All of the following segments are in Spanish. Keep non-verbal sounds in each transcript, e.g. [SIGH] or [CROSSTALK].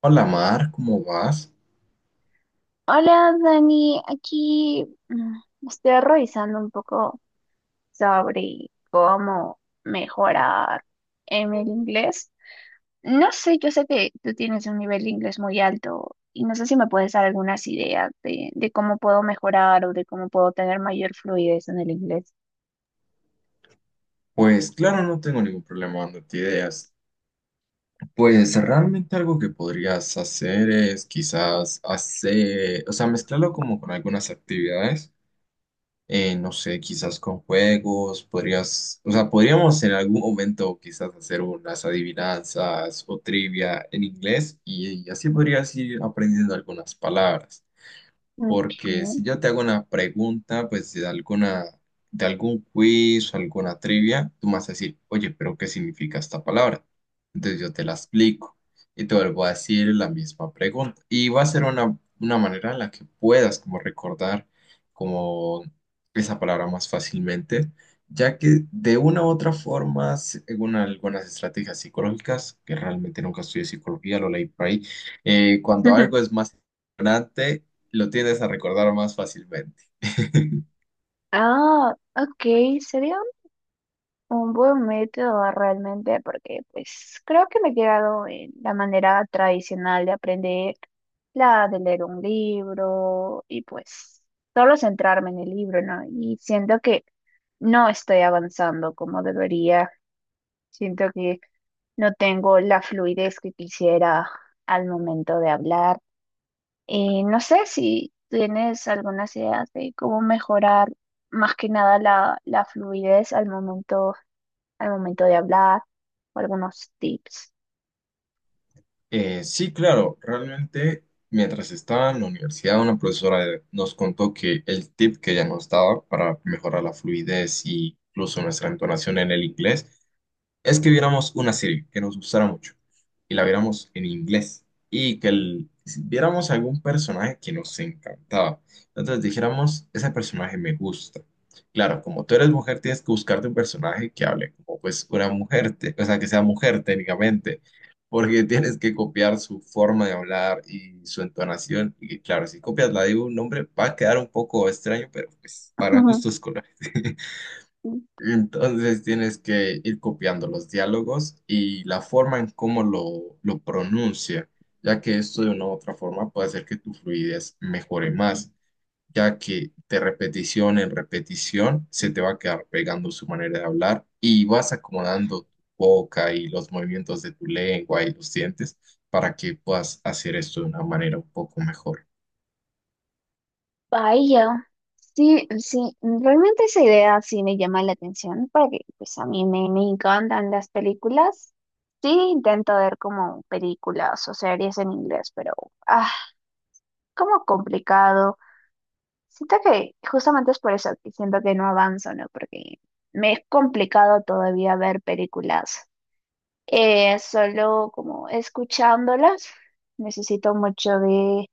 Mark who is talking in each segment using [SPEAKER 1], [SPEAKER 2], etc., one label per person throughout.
[SPEAKER 1] Hola Mar, ¿cómo vas?
[SPEAKER 2] Hola Dani, aquí estoy revisando un poco sobre cómo mejorar en el inglés. No sé, yo sé que tú tienes un nivel de inglés muy alto y no sé si me puedes dar algunas ideas de cómo puedo mejorar o de cómo puedo tener mayor fluidez en el inglés.
[SPEAKER 1] Pues claro, no tengo ningún problema dándote ideas. Pues realmente algo que podrías hacer es quizás hacer, o sea, mezclarlo como con algunas actividades, no sé, quizás con juegos, podrías, o sea, podríamos en algún momento quizás hacer unas adivinanzas o trivia en inglés y así podrías ir aprendiendo algunas palabras.
[SPEAKER 2] Ok.
[SPEAKER 1] Porque si yo te hago una pregunta, pues de alguna, de algún quiz o alguna trivia, tú me vas a decir, oye, pero ¿qué significa esta palabra? Entonces yo te la explico y te vuelvo a decir la misma pregunta. Y va a ser una manera en la que puedas como recordar como esa palabra más fácilmente, ya que de una u otra forma, según algunas estrategias psicológicas, que realmente nunca estudié psicología, lo leí por ahí, cuando algo es
[SPEAKER 2] [LAUGHS]
[SPEAKER 1] más lo tiendes a recordar más fácilmente. [LAUGHS]
[SPEAKER 2] Ah, ok, sería un buen método realmente, porque pues creo que me he quedado en la manera tradicional de aprender, la de leer un libro y pues solo centrarme en el libro, ¿no? Y siento que no estoy avanzando como debería, siento que no tengo la fluidez que quisiera al momento de hablar. Y no sé si tienes algunas ideas de cómo mejorar más que nada la, la fluidez al momento de hablar o algunos tips.
[SPEAKER 1] Sí, claro, realmente mientras estaba en la universidad, una profesora de- nos contó que el tip que ella nos daba para mejorar la fluidez y incluso nuestra entonación en el inglés es que viéramos una serie que nos gustara mucho y la viéramos en inglés y que el- si viéramos algún personaje que nos encantaba. Entonces dijéramos, ese personaje me gusta. Claro, como tú eres mujer, tienes que buscarte un personaje que hable como pues una mujer, te- o sea, que sea mujer técnicamente, porque tienes que copiar su forma de hablar y su entonación. Y claro, si copias la de un hombre, va a quedar un poco extraño, pero pues para gustos colores. [LAUGHS]
[SPEAKER 2] Ujú.
[SPEAKER 1] Entonces tienes que ir copiando los diálogos y la forma en cómo lo pronuncia, ya que esto de una u otra forma puede hacer que tu fluidez mejore más, ya que de repetición en repetición se te va a quedar pegando su manera de hablar y vas acomodando tu boca y los movimientos de tu lengua y los dientes para que puedas hacer esto de una manera un poco mejor.
[SPEAKER 2] Vaya, sí, sí, realmente esa idea sí me llama la atención porque pues a mí me encantan las películas. Sí, intento ver como películas o series en inglés, pero ah, como complicado. Siento que justamente es por eso que siento que no avanzo, ¿no? Porque me es complicado todavía ver películas. Solo como escuchándolas, necesito mucho de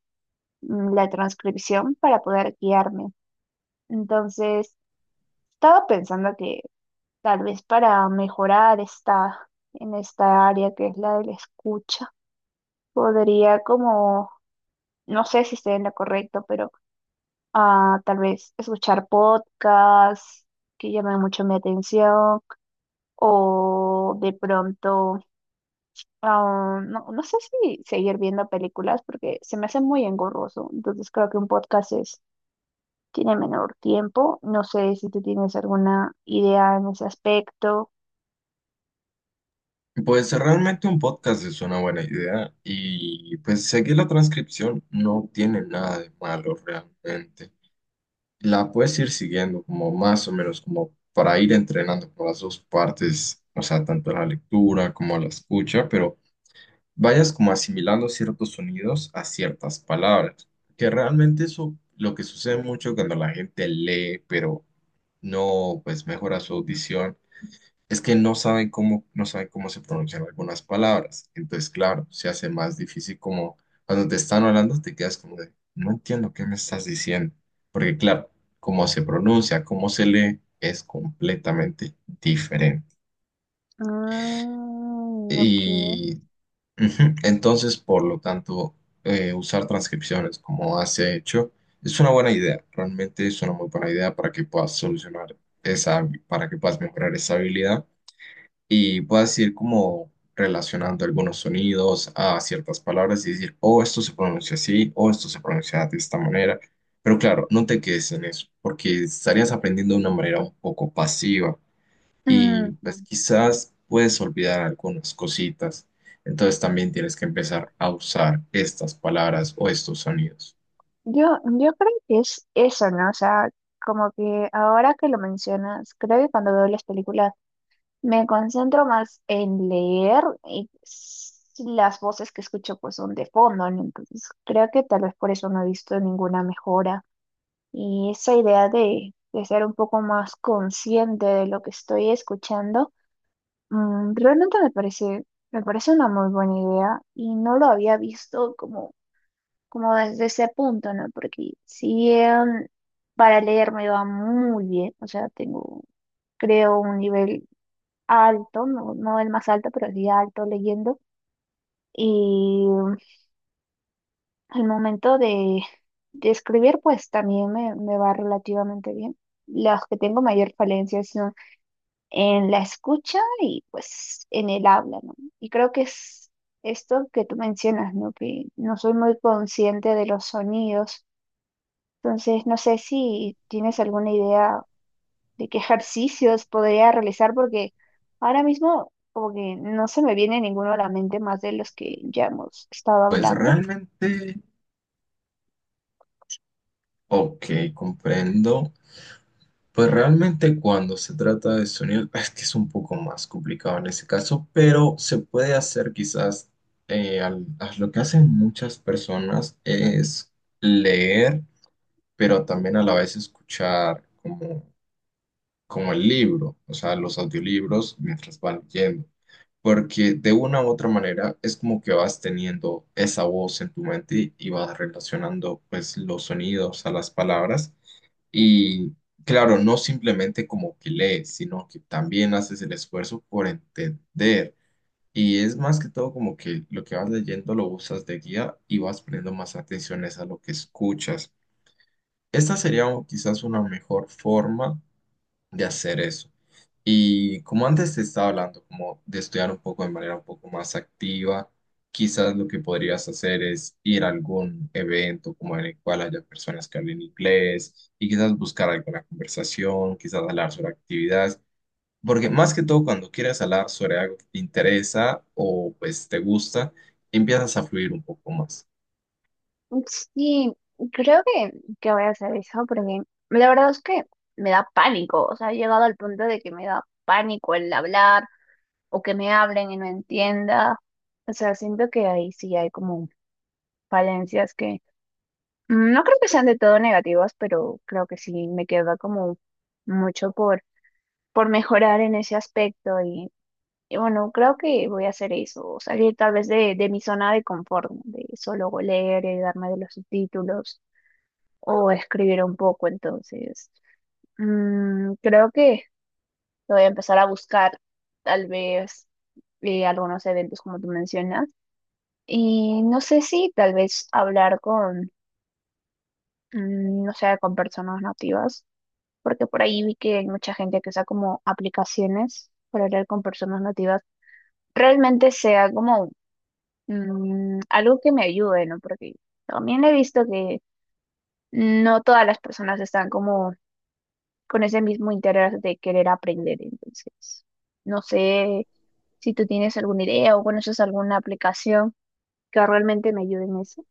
[SPEAKER 2] la transcripción para poder guiarme. Entonces, estaba pensando que tal vez para mejorar en esta área que es la de la escucha, podría como, no sé si estoy en lo correcto, pero tal vez escuchar podcasts que llamen mucho mi atención o de pronto... No, no sé si seguir viendo películas porque se me hace muy engorroso, entonces creo que un podcast es tiene menor tiempo. No sé si tú tienes alguna idea en ese aspecto.
[SPEAKER 1] Pues realmente un podcast es una buena idea y pues seguir la transcripción no tiene nada de malo realmente. La puedes ir siguiendo como más o menos como para ir entrenando por las dos partes, o sea, tanto la lectura como la escucha, pero vayas como asimilando ciertos sonidos a ciertas palabras, que realmente eso lo que sucede mucho cuando la gente lee, pero no pues mejora su audición es que no saben cómo, no saben cómo se pronuncian algunas palabras. Entonces, claro, se hace más difícil como cuando te están hablando, te quedas como de, no entiendo qué me estás diciendo. Porque, claro, cómo se pronuncia, cómo se lee, es completamente diferente.
[SPEAKER 2] Mm, ok.
[SPEAKER 1] Y ujú, entonces, por lo tanto, usar transcripciones como has hecho es una buena idea. Realmente es una muy buena idea para que puedas solucionar esa, para que puedas mejorar esa habilidad y puedas ir como relacionando algunos sonidos a ciertas palabras y decir, oh, esto se pronuncia así, o esto se pronuncia de esta manera. Pero claro, no te quedes en eso, porque estarías aprendiendo de una manera un poco pasiva y pues
[SPEAKER 2] Mm,
[SPEAKER 1] quizás puedes olvidar algunas cositas. Entonces también tienes que empezar a usar estas palabras o estos sonidos.
[SPEAKER 2] yo creo que es eso, ¿no? O sea, como que ahora que lo mencionas, creo que cuando veo las películas me concentro más en leer y las voces que escucho pues son de fondo, ¿no? Entonces creo que tal vez por eso no he visto ninguna mejora. Y esa idea de ser un poco más consciente de lo que estoy escuchando. Realmente me parece una muy buena idea y no lo había visto como desde ese punto, ¿no? Porque si bien para leer me va muy bien, o sea, tengo, creo, un nivel alto, no, no el más alto, pero sí alto leyendo. Y al momento de escribir, pues también me va relativamente bien. Las que tengo mayor falencia en la escucha y pues en el habla, ¿no? Y creo que es esto que tú mencionas, ¿no? Que no soy muy consciente de los sonidos. Entonces, no sé si tienes alguna idea de qué ejercicios podría realizar, porque ahora mismo como que no se me viene ninguno a la mente más de los que ya hemos estado
[SPEAKER 1] Pues
[SPEAKER 2] hablando.
[SPEAKER 1] realmente, ok, comprendo. Pues realmente cuando se trata de sonido, es que es un poco más complicado en ese caso, pero se puede hacer quizás, al- a lo que hacen muchas personas es leer, pero también a la vez escuchar como, como el libro, o sea, los audiolibros mientras van leyendo, porque de una u otra manera es como que vas teniendo esa voz en tu mente y vas relacionando pues los sonidos a las palabras. Y claro, no simplemente como que lees, sino que también haces el esfuerzo por entender. Y es más que todo como que lo que vas leyendo lo usas de guía y vas poniendo más atenciones a lo que escuchas. Esta sería o- quizás una mejor forma de hacer eso. Y como antes te estaba hablando, como de estudiar un poco de manera un poco más activa, quizás lo que podrías hacer es ir a algún evento como en el cual haya personas que hablen inglés y quizás buscar alguna conversación, quizás hablar sobre actividades, porque más que todo cuando quieres hablar sobre algo que te interesa o pues te gusta, empiezas a fluir un poco más.
[SPEAKER 2] Sí, creo que voy a hacer eso, porque la verdad es que me da pánico, o sea, he llegado al punto de que me da pánico el hablar o que me hablen y no entienda. O sea, siento que ahí sí hay como falencias que no creo que sean de todo negativas, pero creo que sí me queda como mucho por mejorar en ese aspecto y bueno, creo que voy a hacer eso, o salir tal vez de mi zona de confort, ¿no? De solo leer y darme de los subtítulos o escribir un poco, entonces creo que voy a empezar a buscar tal vez algunos eventos como tú mencionas. Y no sé si tal vez hablar con, no sé, con personas nativas, porque por ahí vi que hay mucha gente que usa como aplicaciones para hablar con personas nativas, realmente sea como algo que me ayude, ¿no? Porque también he visto que no todas las personas están como con ese mismo interés de querer aprender, entonces no sé si tú tienes alguna idea o conoces alguna aplicación que realmente me ayude en eso.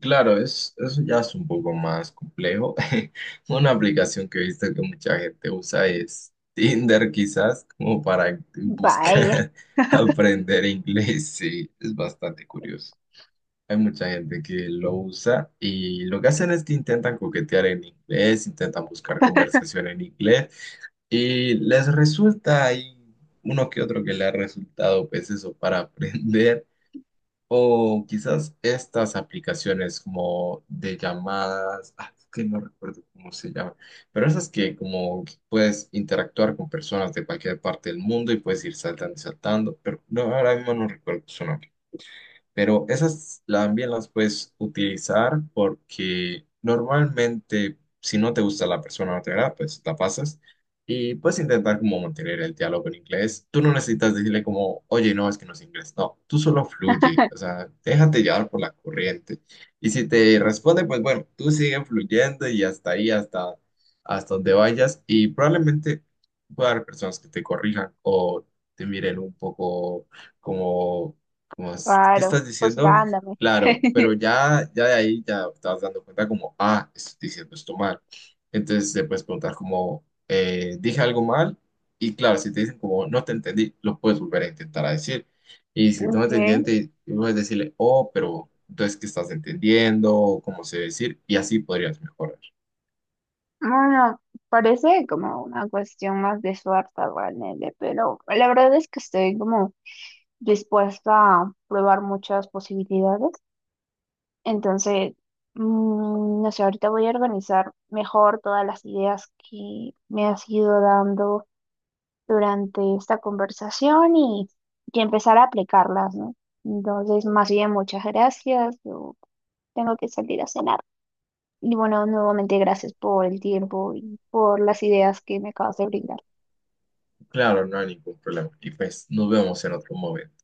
[SPEAKER 1] Claro, es, eso ya es un poco más complejo. [LAUGHS] Una aplicación que he visto que mucha gente usa es Tinder, quizás, como para
[SPEAKER 2] Vaya.
[SPEAKER 1] buscar [LAUGHS] aprender inglés. Sí, es bastante curioso. Hay mucha gente que lo usa y lo que hacen es que intentan coquetear en inglés, intentan buscar conversación en inglés y les resulta, hay uno que otro que le ha resultado, pues eso, para [LAUGHS] aprender. O quizás estas aplicaciones como de llamadas, ah, es que no recuerdo cómo se llama, pero esas que como que puedes interactuar con personas de cualquier parte del mundo y puedes ir saltando y saltando, pero no, ahora mismo no recuerdo su nombre. Pero esas también las puedes utilizar porque normalmente si no te gusta la persona o no te agrada, pues la pasas y puedes intentar como mantener el diálogo en inglés. Tú no necesitas decirle como, oye, no, es que no es inglés. No, tú solo fluye, o sea, déjate llevar por la corriente. Y si te responde, pues bueno, tú sigue fluyendo y hasta ahí, hasta, hasta donde vayas y probablemente pueda haber personas que te corrijan o te miren un poco como como, ¿es? ¿Qué
[SPEAKER 2] Claro,
[SPEAKER 1] estás diciendo?
[SPEAKER 2] juzgándome.
[SPEAKER 1] Claro, pero
[SPEAKER 2] [LAUGHS]
[SPEAKER 1] ya de ahí ya te vas dando cuenta como, ah, estoy diciendo esto mal. Entonces te puedes preguntar como, dije algo mal y claro, si te dicen como, no te entendí, lo puedes volver a intentar a decir. Y si no
[SPEAKER 2] Ok,
[SPEAKER 1] te entienden, puedes decirle, oh, pero entonces, ¿qué estás entendiendo? O ¿cómo se debe decir? Y así podrías mejorar.
[SPEAKER 2] bueno, parece como una cuestión más de suerte realmente, pero la verdad es que estoy como dispuesta a probar muchas posibilidades. Entonces, no sé, ahorita voy a organizar mejor todas las ideas que me has ido dando durante esta conversación y empezar a aplicarlas, ¿no? Entonces, más bien, muchas gracias. Yo tengo que salir a cenar. Y bueno, nuevamente gracias por el tiempo y por las ideas que me acabas de brindar.
[SPEAKER 1] Claro, no hay ningún problema. Y pues nos vemos en otro momento.